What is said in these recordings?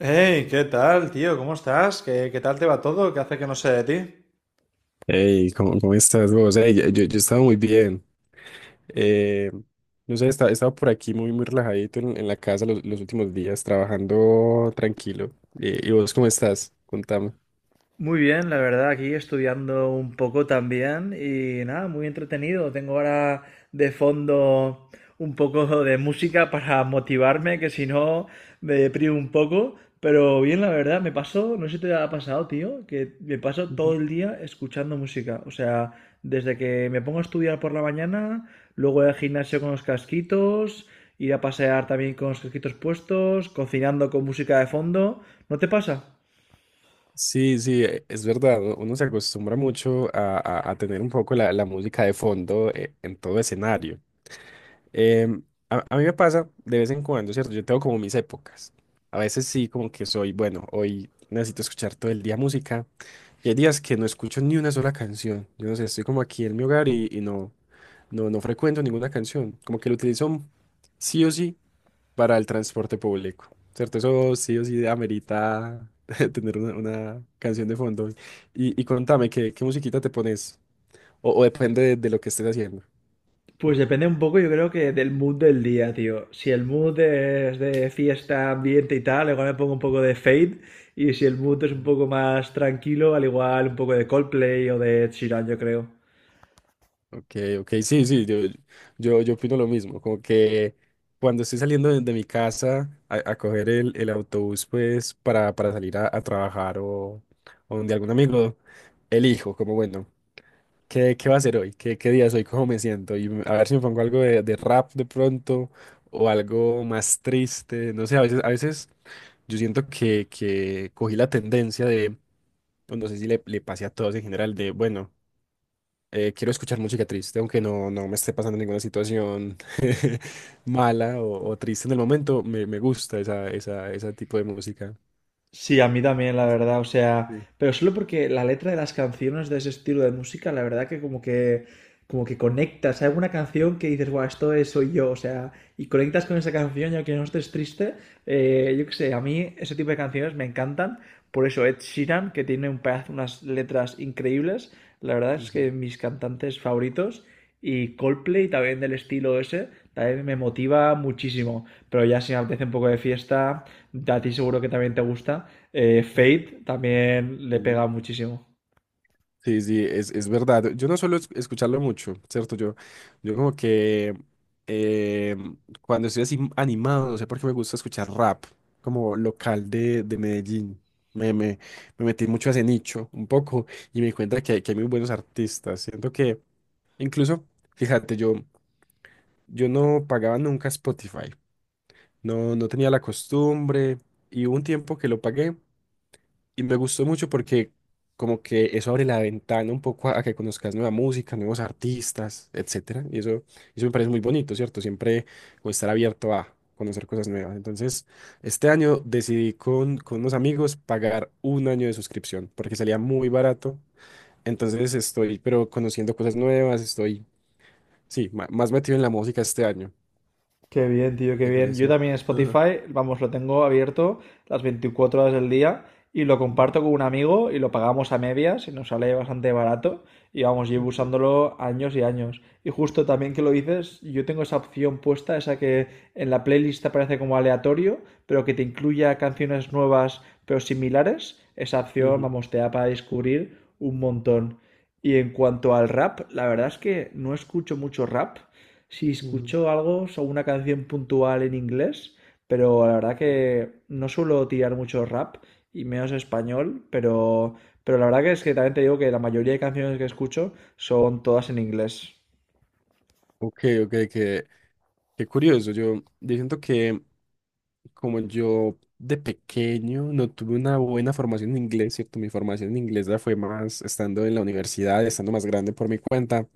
Hey, ¿qué tal, tío? ¿Cómo estás? ¿Qué tal te va todo? ¿Qué hace que no sé de ti? Hey, ¿cómo estás vos? Hey, yo he estado muy bien. Eh, no sé, he estado por aquí muy, muy relajadito en la casa los últimos días, trabajando tranquilo. ¿Y vos cómo estás? Contame. Muy bien, también. Y nada, muy entretenido. Tengo ahora de fondo un poco de música para motivarme, que si no me deprimo un poco. Pero bien, la verdad, me pasó, no sé si te ha pasado, tío, que me paso todo Ujú. el día escuchando música. O sea, desde que me pongo a estudiar por la mañana, luego ir al gimnasio con los casquitos, ir a pasear también con los casquitos puestos, cocinando con música de fondo. ¿No te pasa? Sí, sí, es verdad. Uno se acostumbra mucho a, a tener un poco la música de fondo en todo escenario. Em, a, a mí me pasa de vez en cuando, ¿cierto? Yo tengo como mis épocas. A veces sí, como que soy, bueno, hoy necesito escuchar todo el día música. Y hay días que no escucho ni una sola canción. Yo no sé, estoy como aquí en mi hogar y no, no frecuento ninguna canción. Como que lo utilizo sí o sí para el transporte público, ¿cierto? Eso sí o sí amerita tener una canción de fondo. Y contame, ¿qué, qué musiquita te pones? O depende de lo que estés haciendo. Pues depende un poco, yo creo que del mood del día, tío. Si el mood es de fiesta, ambiente y tal, igual me pongo un poco de Fade. Y si el mood es un poco más tranquilo, al igual un poco de Coldplay o de Ed Sheeran, yo creo. Ok, ok, sí, sí, yo, yo opino lo mismo, como que cuando estoy saliendo de mi casa a coger el autobús, pues, para salir a trabajar o donde algún amigo, elijo, como bueno, ¿qué, qué va a hacer hoy? ¿Qué, qué día soy? ¿Cómo me siento? Y a ver si me pongo algo de rap de pronto o algo más triste, no sé, a veces yo siento que cogí la tendencia de, pues, no sé si le, le pase a todos en general, de, bueno quiero escuchar música triste, aunque no, no me esté pasando ninguna situación mala o triste en el momento, me gusta esa, esa, ese tipo de música. Sí, a mí también, la verdad, o sea, Sí. pero solo porque la letra de las canciones de ese estilo de música, la verdad que como que conectas, hay alguna canción que dices, guau, esto es, soy yo, o sea, y conectas con esa canción y aunque no estés triste, yo qué sé, a mí ese tipo de canciones me encantan, por eso Ed Sheeran, que tiene un pedazo, unas letras increíbles, la verdad es que Ujú, mis cantantes favoritos, y Coldplay también del estilo ese, también me motiva muchísimo, pero ya si me apetece un poco de fiesta a ti seguro que también te gusta. Ujú, Fate también le ujú. pega muchísimo. Sí, sí, es verdad. Yo no suelo escucharlo mucho, ¿cierto? Yo como que eh, cuando estoy así animado, no sé por qué me gusta escuchar rap, como local de Medellín. Me, me, me metí mucho a ese nicho, un poco, y me di cuenta que, que hay muy buenos artistas. Siento que incluso, fíjate, yo no pagaba nunca Spotify, no, no tenía la costumbre y hubo un tiempo que lo pagué y me gustó mucho porque como que eso abre la ventana un poco a que conozcas nueva música, nuevos artistas, etcétera. Y eso me parece muy bonito, ¿cierto? Siempre como estar abierto a conocer cosas nuevas. Entonces, este año decidí con unos amigos pagar un año de suscripción porque salía muy barato. Entonces estoy, pero conociendo cosas nuevas, estoy sí, más metido en la música este año. Qué bien, tío, qué Qué bien. Yo curioso. también Ajá. Spotify, vamos, lo tengo abierto las 24 horas del día y lo Ujú, comparto con un amigo y lo pagamos a medias y nos sale bastante barato y vamos, llevo usándolo años y años. Y justo también que lo dices, yo tengo esa opción puesta, esa que en la playlist aparece como aleatorio, pero que te incluya canciones nuevas pero similares. Esa opción, ujú, vamos, te da para descubrir un montón. Y en cuanto al rap, la verdad es que no escucho mucho rap. Sí, ujú. escucho algo o una canción puntual en inglés, pero la verdad que no suelo tirar mucho rap y menos español, pero la verdad que es que también te digo que la mayoría de canciones que escucho son todas en inglés. Ok, ok, qué, qué curioso. Yo siento que como yo de pequeño no tuve una buena formación en inglés, ¿cierto? Mi formación en inglés la fue más estando en la universidad, estando más grande por mi cuenta.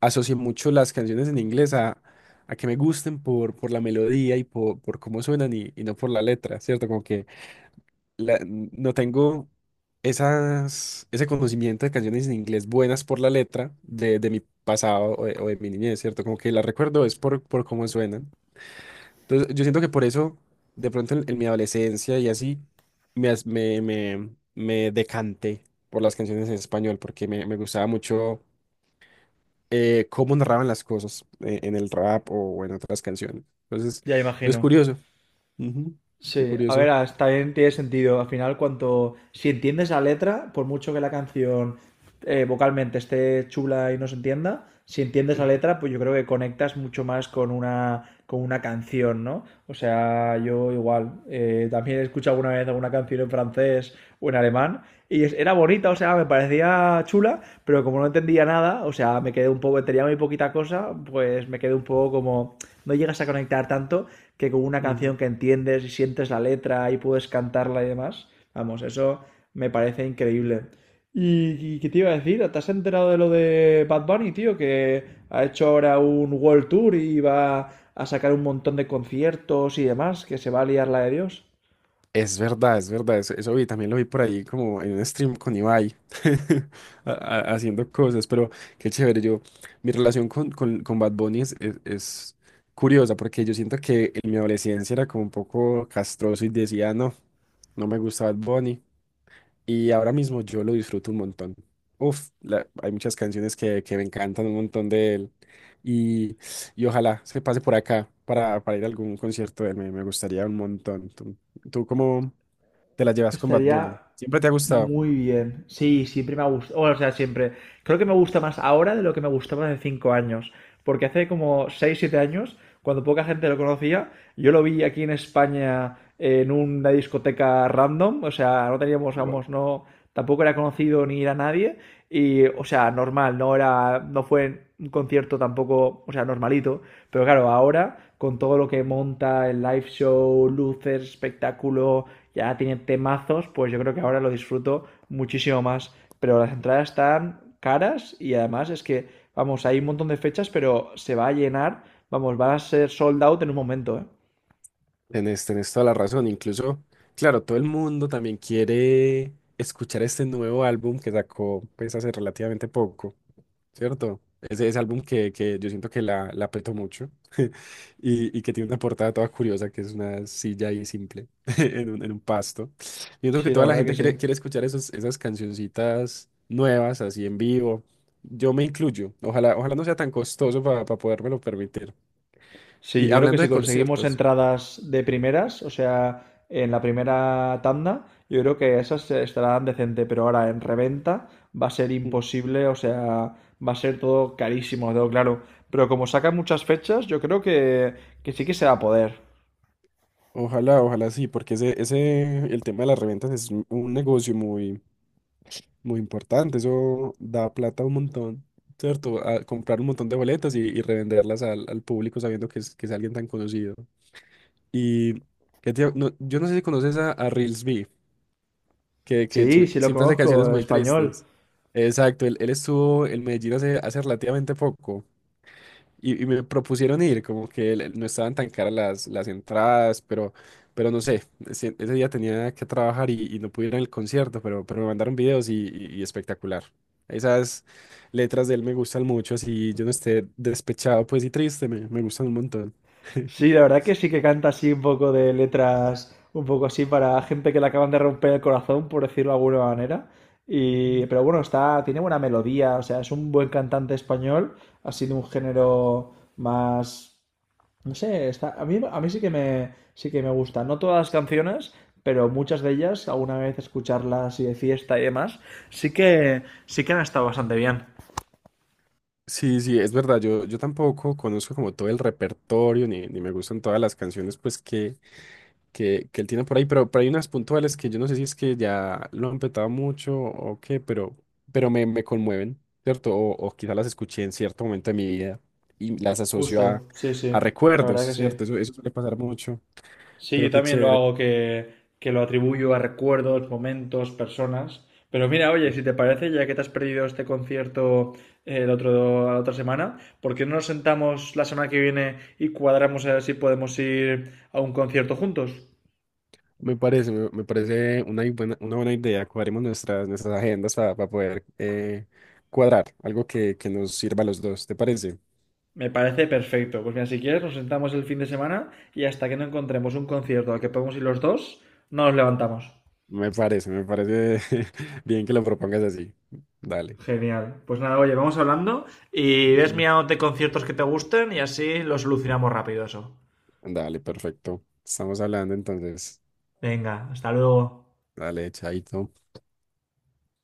Asocié mucho las canciones en inglés a que me gusten por la melodía y por cómo suenan y no por la letra, ¿cierto? Como que no tengo esas, ese conocimiento de canciones en inglés buenas por la letra de mi pasado o de mi niñez, ¿cierto? Como que las recuerdo es por cómo suenan. Entonces, yo siento que por eso, de pronto en mi adolescencia y así, me, me, me, me decanté por las canciones en español, porque me gustaba mucho cómo narraban las cosas en el rap o en otras canciones. Entonces, Ya es imagino. curioso. Ujú. Qué Sí, a ver, curioso. hasta bien tiene sentido. Al final, cuanto si entiendes la letra, por mucho que la canción vocalmente esté chula y no se entienda, si entiendes la letra, pues yo creo que conectas mucho más con una canción, ¿no? O sea, yo igual también he escuchado alguna vez alguna canción en francés o en alemán y era bonita, o sea, me parecía chula, pero como no entendía nada, o sea, me quedé un poco, tenía muy poquita cosa, pues me quedé un poco como no llegas a conectar tanto que con una Ujú. canción que entiendes y sientes la letra y puedes cantarla y demás. Vamos, eso me parece increíble. ¿Y qué te iba a decir? ¿Te has enterado de lo de Bad Bunny, tío? Que ha hecho ahora un World Tour y va a sacar un montón de conciertos y demás, que se va a liar la de Dios. Es verdad, eso vi, también lo vi por ahí como en un stream con Ibai, haciendo cosas, pero qué chévere, yo, mi relación con Bad Bunny es, es curiosa, porque yo siento que en mi adolescencia era como un poco castroso y decía, no, no me gusta Bad Bunny, y ahora mismo yo lo disfruto un montón. Uf, hay muchas canciones que me encantan un montón de él, y, y ojalá se pase por acá para ir a algún concierto de él, me gustaría un montón. ¿Tú, tú cómo te la llevas con Bad Bunny? Estaría ¿Siempre te ha gustado? muy bien. Sí, siempre me ha gustado. O sea, siempre. Creo que me gusta más ahora de lo que me gustaba hace 5 años. Porque hace como 6, 7 años, cuando poca gente lo conocía, yo lo vi aquí en España en una discoteca random. O sea, no teníamos, Wow. vamos, no. Tampoco era conocido ni era nadie. Y, o sea, normal, no era. No fue un concierto tampoco, o sea, normalito. Pero claro, ahora, con todo lo que monta, el live show, luces, espectáculo, ya tiene temazos, pues yo creo que ahora lo disfruto muchísimo más. Pero las entradas están caras y además es que, vamos, hay un montón de fechas, pero se va a llenar, vamos, va a ser sold out en un momento, ¿eh? Tenés, tenés toda la razón. Incluso, claro, todo el mundo también quiere escuchar este nuevo álbum que sacó pues hace relativamente poco, ¿cierto? Ese álbum que yo siento que la apretó mucho y que tiene una portada toda curiosa, que es una silla ahí simple en un pasto. Siento que Sí, la toda la verdad que gente quiere, sí. quiere escuchar esos, esas cancioncitas nuevas, así en vivo. Yo me incluyo. Ojalá, ojalá no sea tan costoso para podérmelo permitir. Sí, Y yo creo que hablando si de conseguimos conciertos, entradas de primeras, o sea, en la primera tanda, yo creo que esas estarán decente, pero ahora en reventa va a ser mm, imposible, o sea, va a ser todo carísimo, lo tengo claro. Pero como sacan muchas fechas, yo creo que sí que se va a poder. ojalá, ojalá sí, porque ese, el tema de las reventas es un negocio muy, muy importante. Eso da plata un montón, ¿cierto? A comprar un montón de boletas y revenderlas al, al público sabiendo que es alguien tan conocido. Y que yo no sé si conoces a Reels B, que Sí, sí lo siempre hace canciones conozco, muy español. tristes. Exacto, él estuvo en Medellín hace, hace relativamente poco. Y me propusieron ir, como que no estaban tan caras las entradas, pero no sé, ese día tenía que trabajar y no pude ir al concierto, pero me mandaron videos y, y espectacular. Esas letras de él me gustan mucho, así yo no esté despechado pues y triste, me gustan un montón. Sí, la verdad que sí que canta así un poco de letras, un poco así para gente que le acaban de romper el corazón, por decirlo de alguna manera. Y, Ujú. pero bueno, está, tiene buena melodía, o sea, es un buen cantante español, ha sido un género más, no sé, está, a mí sí que me, gusta. No todas las canciones, pero muchas de ellas, alguna vez escucharlas y de fiesta y demás, sí que han estado bastante bien. Sí, sí, es verdad, yo tampoco conozco como todo el repertorio, ni, ni me gustan todas las canciones pues que él tiene por ahí, pero hay unas puntuales que yo no sé si es que ya lo han petado mucho o qué, pero me conmueven, ¿cierto? O quizá las escuché en cierto momento de mi vida y las asocio Justo, sí, sí, a la recuerdos, verdad que sí. ¿cierto? Eso suele pasar mucho, Sí, yo pero qué también lo chévere. hago que lo atribuyo a recuerdos, momentos, personas. Pero mira, oye, Ujú. si te parece, ya que te has perdido este concierto el otro, la otra semana, ¿por qué no nos sentamos la semana que viene y cuadramos a ver si podemos ir a un concierto juntos? Me parece, me parece una buena, una buena idea. Cuadremos nuestras, nuestras agendas para poder cuadrar algo que nos sirva a los dos, ¿te parece? Me parece perfecto. Pues mira, si quieres, nos sentamos el fin de semana y hasta que no encontremos un concierto al que podamos ir los dos, no nos levantamos. Me parece, me parece bien que lo propongas así. Dale. Genial. Pues nada, oye, vamos hablando y ves mirándote conciertos que te gusten y así lo solucionamos rápido eso. Dale, perfecto. Estamos hablando entonces. Venga, hasta luego. Dale, chaito.